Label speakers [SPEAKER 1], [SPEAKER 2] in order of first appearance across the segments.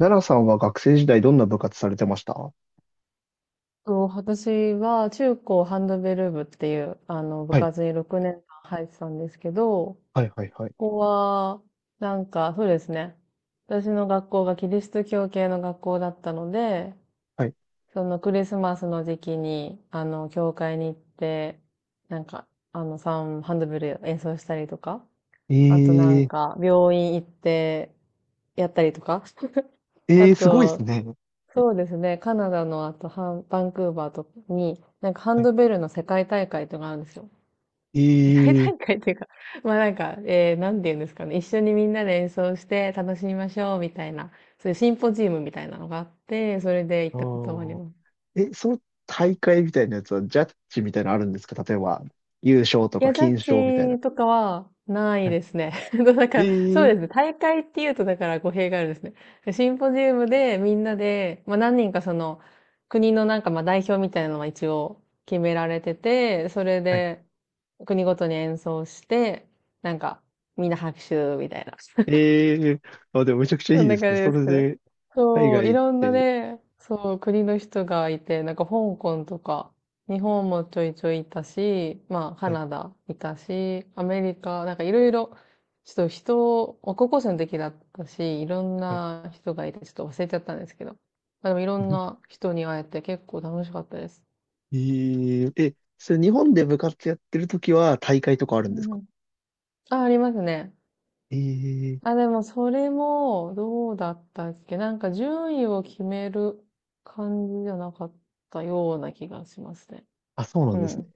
[SPEAKER 1] 奈良さんは学生時代どんな部活されてましたは？
[SPEAKER 2] 私は中高ハンドベル部っていう、部
[SPEAKER 1] い、
[SPEAKER 2] 活に6年間入ってたんですけど、
[SPEAKER 1] はい、はい、はい。
[SPEAKER 2] ここは、なんか、そうですね。私の学校がキリスト教系の学校だったので、
[SPEAKER 1] はい。
[SPEAKER 2] そのクリスマスの時期に、教会に行って、なんか、ハンドベル演奏したりとか、
[SPEAKER 1] え
[SPEAKER 2] あとなん
[SPEAKER 1] ー、
[SPEAKER 2] か、病院行って、やったりとか、あ
[SPEAKER 1] えー、すごいです
[SPEAKER 2] と、
[SPEAKER 1] ね。
[SPEAKER 2] そうですね。カナダのあとバンクーバーとかに、なんかハ
[SPEAKER 1] は
[SPEAKER 2] ン
[SPEAKER 1] い。
[SPEAKER 2] ドベルの世界大会とかあるんですよ。
[SPEAKER 1] え
[SPEAKER 2] 世界
[SPEAKER 1] ー、
[SPEAKER 2] 大会っていうか、まあなんか、なんて言うんですかね。一緒にみんなで演奏して楽しみましょうみたいな、そういうシンポジウムみたいなのがあって、それで行
[SPEAKER 1] あ
[SPEAKER 2] ったことがあり
[SPEAKER 1] ー、
[SPEAKER 2] ます。
[SPEAKER 1] え、その大会みたいなやつは、ジャッジみたいなのあるんですか？例えば、優勝と
[SPEAKER 2] い
[SPEAKER 1] か
[SPEAKER 2] や、ジャ
[SPEAKER 1] 金賞みたい
[SPEAKER 2] ッ
[SPEAKER 1] な。
[SPEAKER 2] ジとかはない
[SPEAKER 1] はい。
[SPEAKER 2] ですね。なん
[SPEAKER 1] え
[SPEAKER 2] かそう
[SPEAKER 1] ー、
[SPEAKER 2] ですね。大会っていうと、だから語弊があるんですね。シンポジウムでみんなで、まあ何人かその国のなんかまあ代表みたいなのは一応決められてて、それ
[SPEAKER 1] はい。
[SPEAKER 2] で国ごとに演奏して、なんかみんな拍手みたいな。
[SPEAKER 1] えー、あ、でもめちゃくちゃい
[SPEAKER 2] そん
[SPEAKER 1] い
[SPEAKER 2] な
[SPEAKER 1] です
[SPEAKER 2] 感
[SPEAKER 1] ね。
[SPEAKER 2] じ
[SPEAKER 1] そ
[SPEAKER 2] です
[SPEAKER 1] れ
[SPEAKER 2] けど。
[SPEAKER 1] で、海
[SPEAKER 2] そう、
[SPEAKER 1] 外
[SPEAKER 2] い
[SPEAKER 1] 行っ
[SPEAKER 2] ろんな
[SPEAKER 1] て、
[SPEAKER 2] ね、そう、国の人がいて、なんか香港とか、日本もちょいちょいいたし、まあ、カ
[SPEAKER 1] はい、
[SPEAKER 2] ナダいたし、アメリカ、なんかいろいろ、ちょっと人を、高校生の時だったし、いろん
[SPEAKER 1] はい。
[SPEAKER 2] な人がいて、ちょっと忘れちゃったんですけど。まあ、でもいろんな 人に会えて結構楽しかったです。
[SPEAKER 1] えー、え、それ日本で部活やってるときは大会とかある
[SPEAKER 2] う
[SPEAKER 1] んです
[SPEAKER 2] んう
[SPEAKER 1] か？
[SPEAKER 2] ん。あ、ありますね。
[SPEAKER 1] え
[SPEAKER 2] あ、
[SPEAKER 1] え。
[SPEAKER 2] でもそれも、どうだったっけ、なんか順位を決める感じじゃなかったような気がしますね。
[SPEAKER 1] あ、そうな
[SPEAKER 2] う
[SPEAKER 1] んですね。
[SPEAKER 2] ん。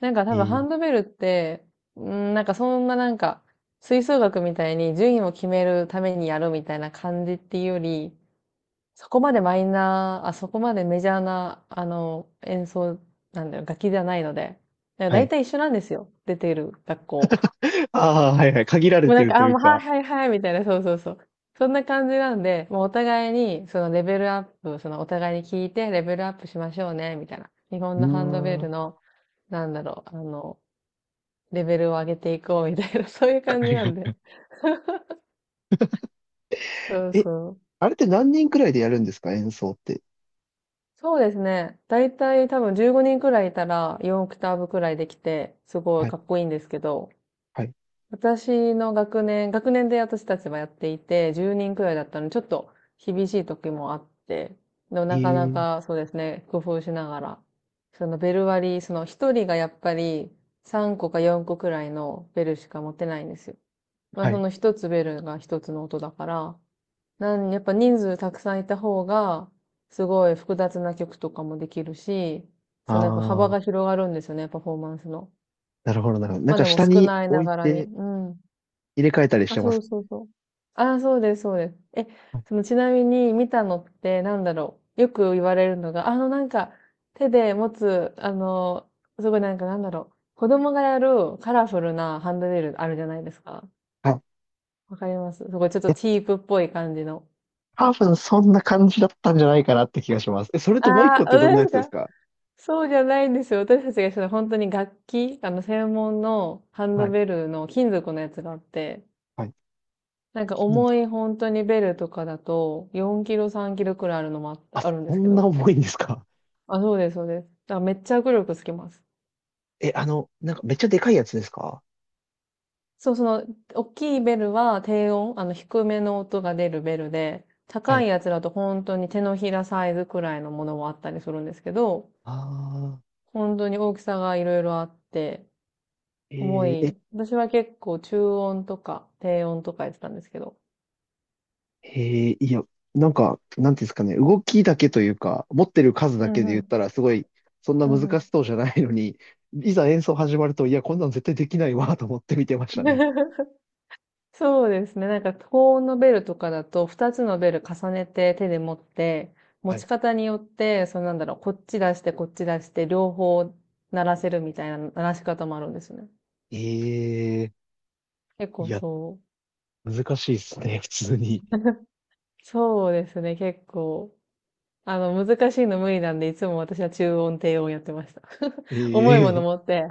[SPEAKER 2] なんか
[SPEAKER 1] え
[SPEAKER 2] 多分ハ
[SPEAKER 1] ー、
[SPEAKER 2] ンドベルって、うん、なんかそんななんか、吹奏楽みたいに順位を決めるためにやるみたいな感じっていうより、そこまでメジャーな、演奏、なんだよ、楽器じゃないので。だ
[SPEAKER 1] は
[SPEAKER 2] い
[SPEAKER 1] い。
[SPEAKER 2] たい一緒なんですよ。出ている学校。
[SPEAKER 1] ああ、はいはい。限られ
[SPEAKER 2] もう
[SPEAKER 1] て
[SPEAKER 2] なん
[SPEAKER 1] る
[SPEAKER 2] か、
[SPEAKER 1] と
[SPEAKER 2] あ、
[SPEAKER 1] いう
[SPEAKER 2] もう、はい
[SPEAKER 1] か。
[SPEAKER 2] はいはい、みたいな、そうそうそう。そんな感じなんで、もうお互いに、そのレベルアップ、そのお互いに聞いてレベルアップしましょうね、みたいな。日本
[SPEAKER 1] うー
[SPEAKER 2] のハンドベ
[SPEAKER 1] ん。
[SPEAKER 2] ル
[SPEAKER 1] あ
[SPEAKER 2] の、なんだろう、レベルを上げていこう、みたいな、そういう感じ
[SPEAKER 1] り
[SPEAKER 2] なんで。
[SPEAKER 1] が
[SPEAKER 2] そう
[SPEAKER 1] え、
[SPEAKER 2] そう。
[SPEAKER 1] あれって何人くらいでやるんですか？演奏って。
[SPEAKER 2] そうですね。だいたい多分15人くらいいたら4オクターブくらいできて、すご
[SPEAKER 1] は
[SPEAKER 2] い
[SPEAKER 1] い、
[SPEAKER 2] かっこいいんですけど、
[SPEAKER 1] はい。
[SPEAKER 2] 私の学年で私たちはやっていて、10人くらいだったので、ちょっと厳しい時もあって、でも
[SPEAKER 1] え
[SPEAKER 2] なかな
[SPEAKER 1] え、
[SPEAKER 2] かそうですね、工夫しながら、そのベル割り、その一人がやっぱり3個か4個くらいのベルしか持てないんですよ。まあ
[SPEAKER 1] は
[SPEAKER 2] そ
[SPEAKER 1] い。
[SPEAKER 2] の一つベルが一つの音だから、やっぱ人数たくさんいた方が、すごい複雑な曲とかもできるし、そのやっぱ幅
[SPEAKER 1] ああ、
[SPEAKER 2] が広がるんですよね、パフォーマンスの。
[SPEAKER 1] なるほど、なるほど。なん
[SPEAKER 2] まあ
[SPEAKER 1] か
[SPEAKER 2] でも
[SPEAKER 1] 下
[SPEAKER 2] 少
[SPEAKER 1] に
[SPEAKER 2] ない
[SPEAKER 1] 置
[SPEAKER 2] な
[SPEAKER 1] い
[SPEAKER 2] がらに。
[SPEAKER 1] て
[SPEAKER 2] うん。
[SPEAKER 1] 入れ替えたりし
[SPEAKER 2] あ、
[SPEAKER 1] てま
[SPEAKER 2] そう
[SPEAKER 1] す？
[SPEAKER 2] そうそう。あ、そうです、そうです。え、
[SPEAKER 1] はい。
[SPEAKER 2] そのちなみに見たのってなんだろう。よく言われるのが、なんか手で持つ、すごいなんかなんだろう。子供がやるカラフルなハンドベルあるじゃないですか。
[SPEAKER 1] はい。
[SPEAKER 2] わかります？すごいちょっと
[SPEAKER 1] え、
[SPEAKER 2] チープっぽい感じの。
[SPEAKER 1] 多分そんな感じだったんじゃないかなって気がします。え、それともう一
[SPEAKER 2] あ
[SPEAKER 1] 個
[SPEAKER 2] あ、
[SPEAKER 1] ってどんな
[SPEAKER 2] 本
[SPEAKER 1] や
[SPEAKER 2] 当で
[SPEAKER 1] つ
[SPEAKER 2] す
[SPEAKER 1] です
[SPEAKER 2] か？
[SPEAKER 1] か？
[SPEAKER 2] そうじゃないんですよ。私たちがしたのは本当に楽器、専門のハン
[SPEAKER 1] は
[SPEAKER 2] ド
[SPEAKER 1] い、
[SPEAKER 2] ベルの金属のやつがあって、
[SPEAKER 1] はい。
[SPEAKER 2] なんか
[SPEAKER 1] 金属、
[SPEAKER 2] 重い本当にベルとかだと、4キロ、3キロくらいあるのもあっ
[SPEAKER 1] あ、
[SPEAKER 2] た、あるんで
[SPEAKER 1] そ
[SPEAKER 2] すけ
[SPEAKER 1] んな
[SPEAKER 2] ど。
[SPEAKER 1] 重いんですか？
[SPEAKER 2] あ、そうです、そうです。だからめっちゃ握力つきます。
[SPEAKER 1] え、あの、なんかめっちゃでかいやつですか？
[SPEAKER 2] そう、大きいベルは低音、低めの音が出るベルで、
[SPEAKER 1] は
[SPEAKER 2] 高
[SPEAKER 1] い。
[SPEAKER 2] いやつだと本当に手のひらサイズくらいのものもあったりするんですけど、
[SPEAKER 1] ああ、
[SPEAKER 2] 本当に大きさがいろいろあって、
[SPEAKER 1] え
[SPEAKER 2] 重
[SPEAKER 1] ー、え、
[SPEAKER 2] い。私は結構中音とか低音とかやってたんですけど。
[SPEAKER 1] へえ、いや、なんか、なんていうんですかね、動きだけというか、持ってる数だ
[SPEAKER 2] う
[SPEAKER 1] け
[SPEAKER 2] ん
[SPEAKER 1] で
[SPEAKER 2] う
[SPEAKER 1] 言っ
[SPEAKER 2] ん。
[SPEAKER 1] たら、すごい、そんな
[SPEAKER 2] うんう
[SPEAKER 1] 難
[SPEAKER 2] ん。
[SPEAKER 1] しそうじゃないのに、いざ演奏始まると、いや、こんなの絶対できないわ、と思って見てましたね。
[SPEAKER 2] そうですね。なんか高音のベルとかだと、二つのベル重ねて手で持って、持
[SPEAKER 1] はい。
[SPEAKER 2] ち方によって、そのなんだろう、こっち出して、こっち出して、両方鳴らせるみたいな鳴らし方もあるんですね。
[SPEAKER 1] ええ、
[SPEAKER 2] 結
[SPEAKER 1] い
[SPEAKER 2] 構
[SPEAKER 1] や、
[SPEAKER 2] そう。
[SPEAKER 1] 難しいですね、普通に。
[SPEAKER 2] そうですね。結構。難しいの無理なんで、いつも私は中音、低音やってました。重いもの
[SPEAKER 1] ええ。
[SPEAKER 2] 持って、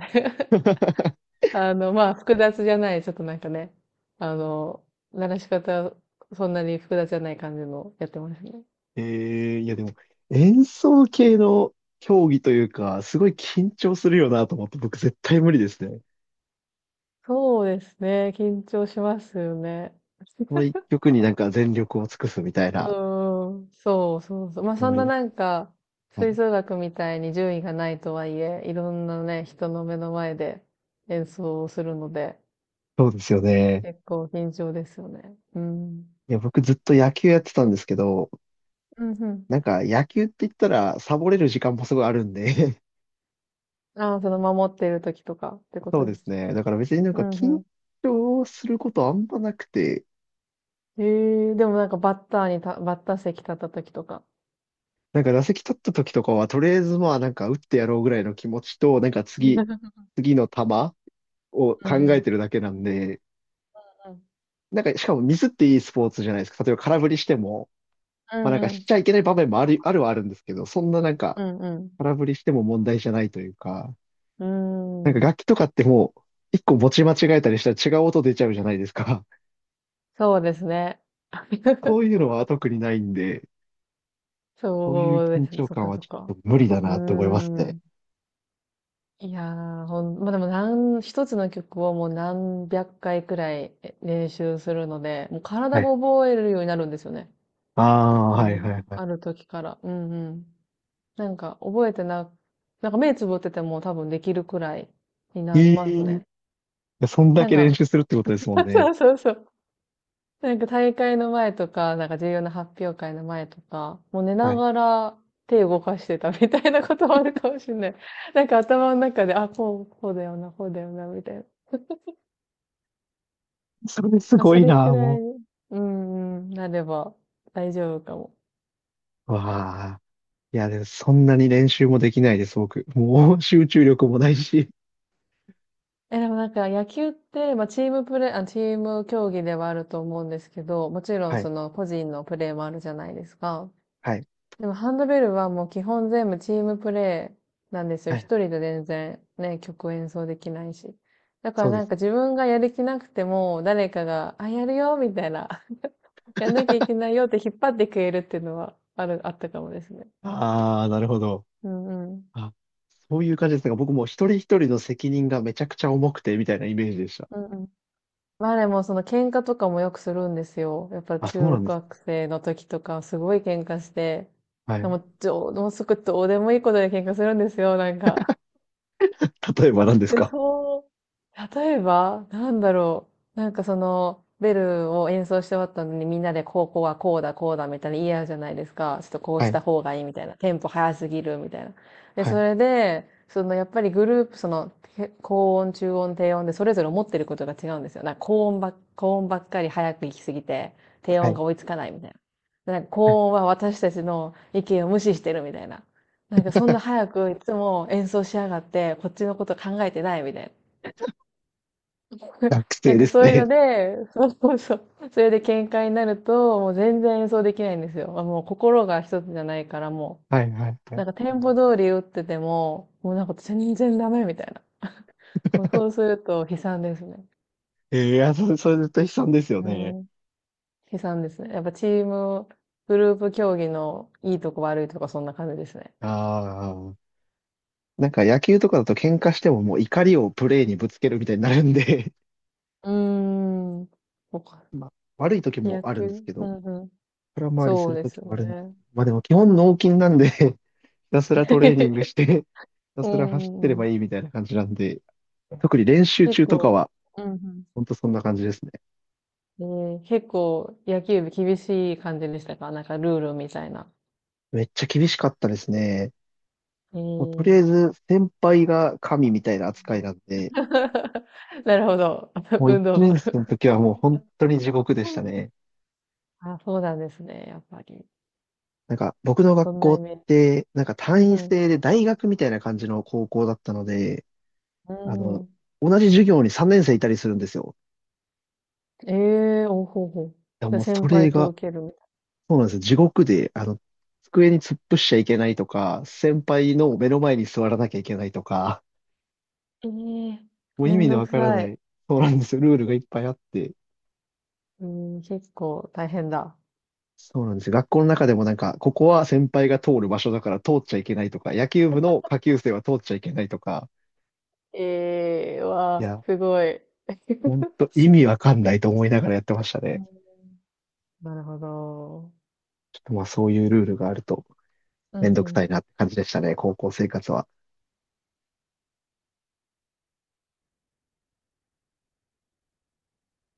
[SPEAKER 2] まあ、複雑じゃない、ちょっとなんかね、あの、鳴らし方、そんなに複雑じゃない感じのやってますね。
[SPEAKER 1] ええ、いや、でも、演奏系の競技というか、すごい緊張するよな、と思って、僕絶対無理ですね。
[SPEAKER 2] そうですね。緊張しますよね。
[SPEAKER 1] この一曲になんか全力を尽くすみたい
[SPEAKER 2] う
[SPEAKER 1] な。
[SPEAKER 2] ーん。そうそうそう。まあ、そ
[SPEAKER 1] 無
[SPEAKER 2] んな
[SPEAKER 1] 理。
[SPEAKER 2] なんか、
[SPEAKER 1] は
[SPEAKER 2] 吹
[SPEAKER 1] い。
[SPEAKER 2] 奏楽みたいに順位がないとはいえ、いろんなね、人の目の前で演奏をするので、
[SPEAKER 1] そうですよね。
[SPEAKER 2] 結構緊張ですよね。うん。
[SPEAKER 1] いや、僕ずっと野球やってたんですけど、
[SPEAKER 2] うんうん。
[SPEAKER 1] なんか野球って言ったらサボれる時間もすごいあるんで
[SPEAKER 2] ああ、その守っている時とかって こ
[SPEAKER 1] そう
[SPEAKER 2] と
[SPEAKER 1] で
[SPEAKER 2] で
[SPEAKER 1] す
[SPEAKER 2] す？
[SPEAKER 1] ね。だから別になん
[SPEAKER 2] う
[SPEAKER 1] か
[SPEAKER 2] ん
[SPEAKER 1] 緊
[SPEAKER 2] う
[SPEAKER 1] 張することあんまなくて、
[SPEAKER 2] ん。ええでもなんかバッター席立った時とか。
[SPEAKER 1] なんか打席立った時とかはとりあえずまあなんか打ってやろうぐらいの気持ちと、なんか次、次の球を考
[SPEAKER 2] うんう
[SPEAKER 1] え
[SPEAKER 2] ん。
[SPEAKER 1] てるだけなんで、なんかしかもミスっていいスポーツじゃないですか。例えば空振りしても、
[SPEAKER 2] う
[SPEAKER 1] まあなん
[SPEAKER 2] ん
[SPEAKER 1] か
[SPEAKER 2] う
[SPEAKER 1] し
[SPEAKER 2] ん。
[SPEAKER 1] ちゃいけない場面もある、あるはあるんですけど、そんななんか
[SPEAKER 2] うんうん。
[SPEAKER 1] 空振りしても問題じゃないというか、
[SPEAKER 2] うんう
[SPEAKER 1] なん
[SPEAKER 2] ん。
[SPEAKER 1] か
[SPEAKER 2] うーん。
[SPEAKER 1] 楽器とかってもう、一個持ち間違えたりしたら違う音出ちゃうじゃないですか。
[SPEAKER 2] そうですね。
[SPEAKER 1] そう いうのは特にないんで、そういう
[SPEAKER 2] そうで
[SPEAKER 1] 緊
[SPEAKER 2] すね。
[SPEAKER 1] 張
[SPEAKER 2] そっ
[SPEAKER 1] 感
[SPEAKER 2] か
[SPEAKER 1] は
[SPEAKER 2] そっ
[SPEAKER 1] ちょ
[SPEAKER 2] か。
[SPEAKER 1] っと無理だ
[SPEAKER 2] うー
[SPEAKER 1] なって思いますね。
[SPEAKER 2] ん。いやー、まあ、でも一つの曲をもう何百回くらい練習するので、もう
[SPEAKER 1] は
[SPEAKER 2] 体が
[SPEAKER 1] い。
[SPEAKER 2] 覚えるようになるんですよね。
[SPEAKER 1] ああ、
[SPEAKER 2] 多
[SPEAKER 1] はい
[SPEAKER 2] 分
[SPEAKER 1] は
[SPEAKER 2] ね。
[SPEAKER 1] いはい。
[SPEAKER 2] ある時から。うんうん。なんか覚えてな、なんか目つぶってても多分できるくらいになり
[SPEAKER 1] え
[SPEAKER 2] ますね。
[SPEAKER 1] え、そんだ
[SPEAKER 2] なん
[SPEAKER 1] け練
[SPEAKER 2] か、
[SPEAKER 1] 習するってことですもん
[SPEAKER 2] そ
[SPEAKER 1] ね。
[SPEAKER 2] うそうそう。なんか大会の前とか、なんか重要な発表会の前とか、もう寝
[SPEAKER 1] は
[SPEAKER 2] な
[SPEAKER 1] い。
[SPEAKER 2] がら手動かしてたみたいなこともあるかもしれない。なんか頭の中で、あ、こう、こうだよな、こうだよな、みたいな。
[SPEAKER 1] それす
[SPEAKER 2] まあ、
[SPEAKER 1] ご
[SPEAKER 2] そ
[SPEAKER 1] い
[SPEAKER 2] れく
[SPEAKER 1] な、
[SPEAKER 2] らい、
[SPEAKER 1] も
[SPEAKER 2] うんうん、なれば大丈夫かも。
[SPEAKER 1] う。わあ。いや、でもそんなに練習もできないです、僕。もう集中力もないし。
[SPEAKER 2] え、でもなんか野球って、まあチーム競技ではあると思うんですけど、もちろん
[SPEAKER 1] はい。
[SPEAKER 2] その個人のプレーもあるじゃないですか。
[SPEAKER 1] はい。
[SPEAKER 2] でもハンドベルはもう基本全部チームプレイなんですよ。
[SPEAKER 1] は
[SPEAKER 2] 一
[SPEAKER 1] い。
[SPEAKER 2] 人で全然ね、曲演奏できないし。だから
[SPEAKER 1] そうで
[SPEAKER 2] なんか
[SPEAKER 1] す。
[SPEAKER 2] 自分がやる気なくても、誰かが、あ、やるよ、みたいな。やんなきゃいけないよって引っ張ってくれるっていうのはある、あったかもですね。
[SPEAKER 1] ああ、なるほど。
[SPEAKER 2] うんうん。
[SPEAKER 1] あ、そういう感じですが、僕も一人一人の責任がめちゃくちゃ重くて、みたいなイメージでした。
[SPEAKER 2] うんうん。まあでもその喧嘩とかもよくするんですよ。やっぱ
[SPEAKER 1] あ、そうな
[SPEAKER 2] 中
[SPEAKER 1] んですか。
[SPEAKER 2] 学生の時とかすごい喧嘩して、
[SPEAKER 1] は
[SPEAKER 2] で
[SPEAKER 1] い。
[SPEAKER 2] も、もうすぐどうでもいいことで喧嘩するんですよ、なんか。
[SPEAKER 1] 例えば何です
[SPEAKER 2] え、
[SPEAKER 1] か？
[SPEAKER 2] そう。例えば、なんだろう。なんかその、ベルを演奏して終わったのにみんなでこうこうはこうだこうだみたいな言い合うじゃないですか。ちょっとこう
[SPEAKER 1] は
[SPEAKER 2] し
[SPEAKER 1] い、
[SPEAKER 2] た方がいいみたいな。テンポ早すぎるみたいな。で、
[SPEAKER 1] は
[SPEAKER 2] そ
[SPEAKER 1] い、
[SPEAKER 2] れで、そのやっぱりグループ、その、て高音、中音、低音でそれぞれ思ってることが違うんですよ。なんか高音ばっかり早く行きすぎて、低
[SPEAKER 1] は
[SPEAKER 2] 音
[SPEAKER 1] い。
[SPEAKER 2] が追いつかないみたいな。なんか高音は私たちの意見を無視してるみたいな。なんかそんな 早くいつも演奏しやがって、こっちのこと考えてないみたいな。
[SPEAKER 1] 学
[SPEAKER 2] な
[SPEAKER 1] 生
[SPEAKER 2] ん
[SPEAKER 1] で
[SPEAKER 2] か
[SPEAKER 1] す
[SPEAKER 2] そういうの
[SPEAKER 1] ね。
[SPEAKER 2] で、そうそうそう。それで喧嘩になると、もう全然演奏できないんですよ。あもう心が一つじゃないからも
[SPEAKER 1] はい、はい、は
[SPEAKER 2] う、
[SPEAKER 1] い。
[SPEAKER 2] なんかテンポ通り打ってても、もうなんか全然ダメみたいな。そうそうすると悲惨ですね。
[SPEAKER 1] いや、それ絶対悲惨ですよ
[SPEAKER 2] う
[SPEAKER 1] ね。
[SPEAKER 2] ん。悲惨ですね。やっぱチーム、グループ競技のいいとこ悪いとこそんな感じですね。
[SPEAKER 1] ああ。なんか野球とかだと喧嘩してももう怒りをプレーにぶつけるみたいになるんで
[SPEAKER 2] うーん。そうか。
[SPEAKER 1] まあ、悪い時も
[SPEAKER 2] 野
[SPEAKER 1] あるんです
[SPEAKER 2] 球。
[SPEAKER 1] け
[SPEAKER 2] う
[SPEAKER 1] ど、
[SPEAKER 2] んうん。
[SPEAKER 1] 空回りす
[SPEAKER 2] そう
[SPEAKER 1] る
[SPEAKER 2] です
[SPEAKER 1] 時
[SPEAKER 2] よ
[SPEAKER 1] もあるんです。
[SPEAKER 2] ね。
[SPEAKER 1] まあでも基本脳筋なんで ひたすらトレーニングし て、ひた
[SPEAKER 2] う
[SPEAKER 1] すら走って
[SPEAKER 2] ん
[SPEAKER 1] れ
[SPEAKER 2] う
[SPEAKER 1] ば
[SPEAKER 2] ん
[SPEAKER 1] いいみたいな感じなんで、特に練習
[SPEAKER 2] 結
[SPEAKER 1] 中とか
[SPEAKER 2] 構、
[SPEAKER 1] は、
[SPEAKER 2] うん
[SPEAKER 1] ほんとそんな感じですね。
[SPEAKER 2] うん。結構野球部厳しい感じでしたか？なんかルールみたいな。
[SPEAKER 1] めっちゃ厳しかったですね。
[SPEAKER 2] えー、
[SPEAKER 1] もうと
[SPEAKER 2] う
[SPEAKER 1] りあえ
[SPEAKER 2] ん
[SPEAKER 1] ず先輩が神みたいな扱いなんで、
[SPEAKER 2] なるほど。
[SPEAKER 1] もう
[SPEAKER 2] 運
[SPEAKER 1] 一
[SPEAKER 2] 動部。
[SPEAKER 1] 年生の時はもう本当に地獄でしたね。
[SPEAKER 2] あ、そうなんですね。やっぱり。
[SPEAKER 1] なんか僕の学
[SPEAKER 2] そんな
[SPEAKER 1] 校
[SPEAKER 2] イ
[SPEAKER 1] っ
[SPEAKER 2] メージ。
[SPEAKER 1] て、なんか単
[SPEAKER 2] う
[SPEAKER 1] 位
[SPEAKER 2] ん
[SPEAKER 1] 制で大学みたいな感じの高校だったので、
[SPEAKER 2] う
[SPEAKER 1] あ
[SPEAKER 2] ん。う
[SPEAKER 1] の、
[SPEAKER 2] ん。
[SPEAKER 1] 同じ授業に3年生いたりするんですよ。
[SPEAKER 2] ええー、おほうほう。
[SPEAKER 1] いや
[SPEAKER 2] じゃあ
[SPEAKER 1] もうそ
[SPEAKER 2] 先
[SPEAKER 1] れ
[SPEAKER 2] 輩
[SPEAKER 1] が、
[SPEAKER 2] と受けるみた
[SPEAKER 1] そうなんですよ。地獄で、机に突っ伏しちゃいけないとか、先輩の目の前に座らなきゃいけないとか、
[SPEAKER 2] い。ええー、
[SPEAKER 1] もう意
[SPEAKER 2] めん
[SPEAKER 1] 味の
[SPEAKER 2] ど
[SPEAKER 1] わ
[SPEAKER 2] く
[SPEAKER 1] から
[SPEAKER 2] さ
[SPEAKER 1] な
[SPEAKER 2] い。
[SPEAKER 1] い、そうなんですよ。ルールがいっぱいあって。
[SPEAKER 2] うん、結構大変だ。
[SPEAKER 1] そうなんですよ。学校の中でもなんか、ここは先輩が通る場所だから通っちゃいけないとか、野球部の下級生は通っちゃいけないとか、
[SPEAKER 2] ええー、わ
[SPEAKER 1] い
[SPEAKER 2] あ、
[SPEAKER 1] や、
[SPEAKER 2] すごい。
[SPEAKER 1] ほんと意味わかんないと思いながらやってました
[SPEAKER 2] う
[SPEAKER 1] ね。
[SPEAKER 2] んなるほど。
[SPEAKER 1] ちょっとまあそういうルールがあると
[SPEAKER 2] うん
[SPEAKER 1] めんど
[SPEAKER 2] う
[SPEAKER 1] くさい
[SPEAKER 2] ん。
[SPEAKER 1] なって感じでしたね、高校生活は。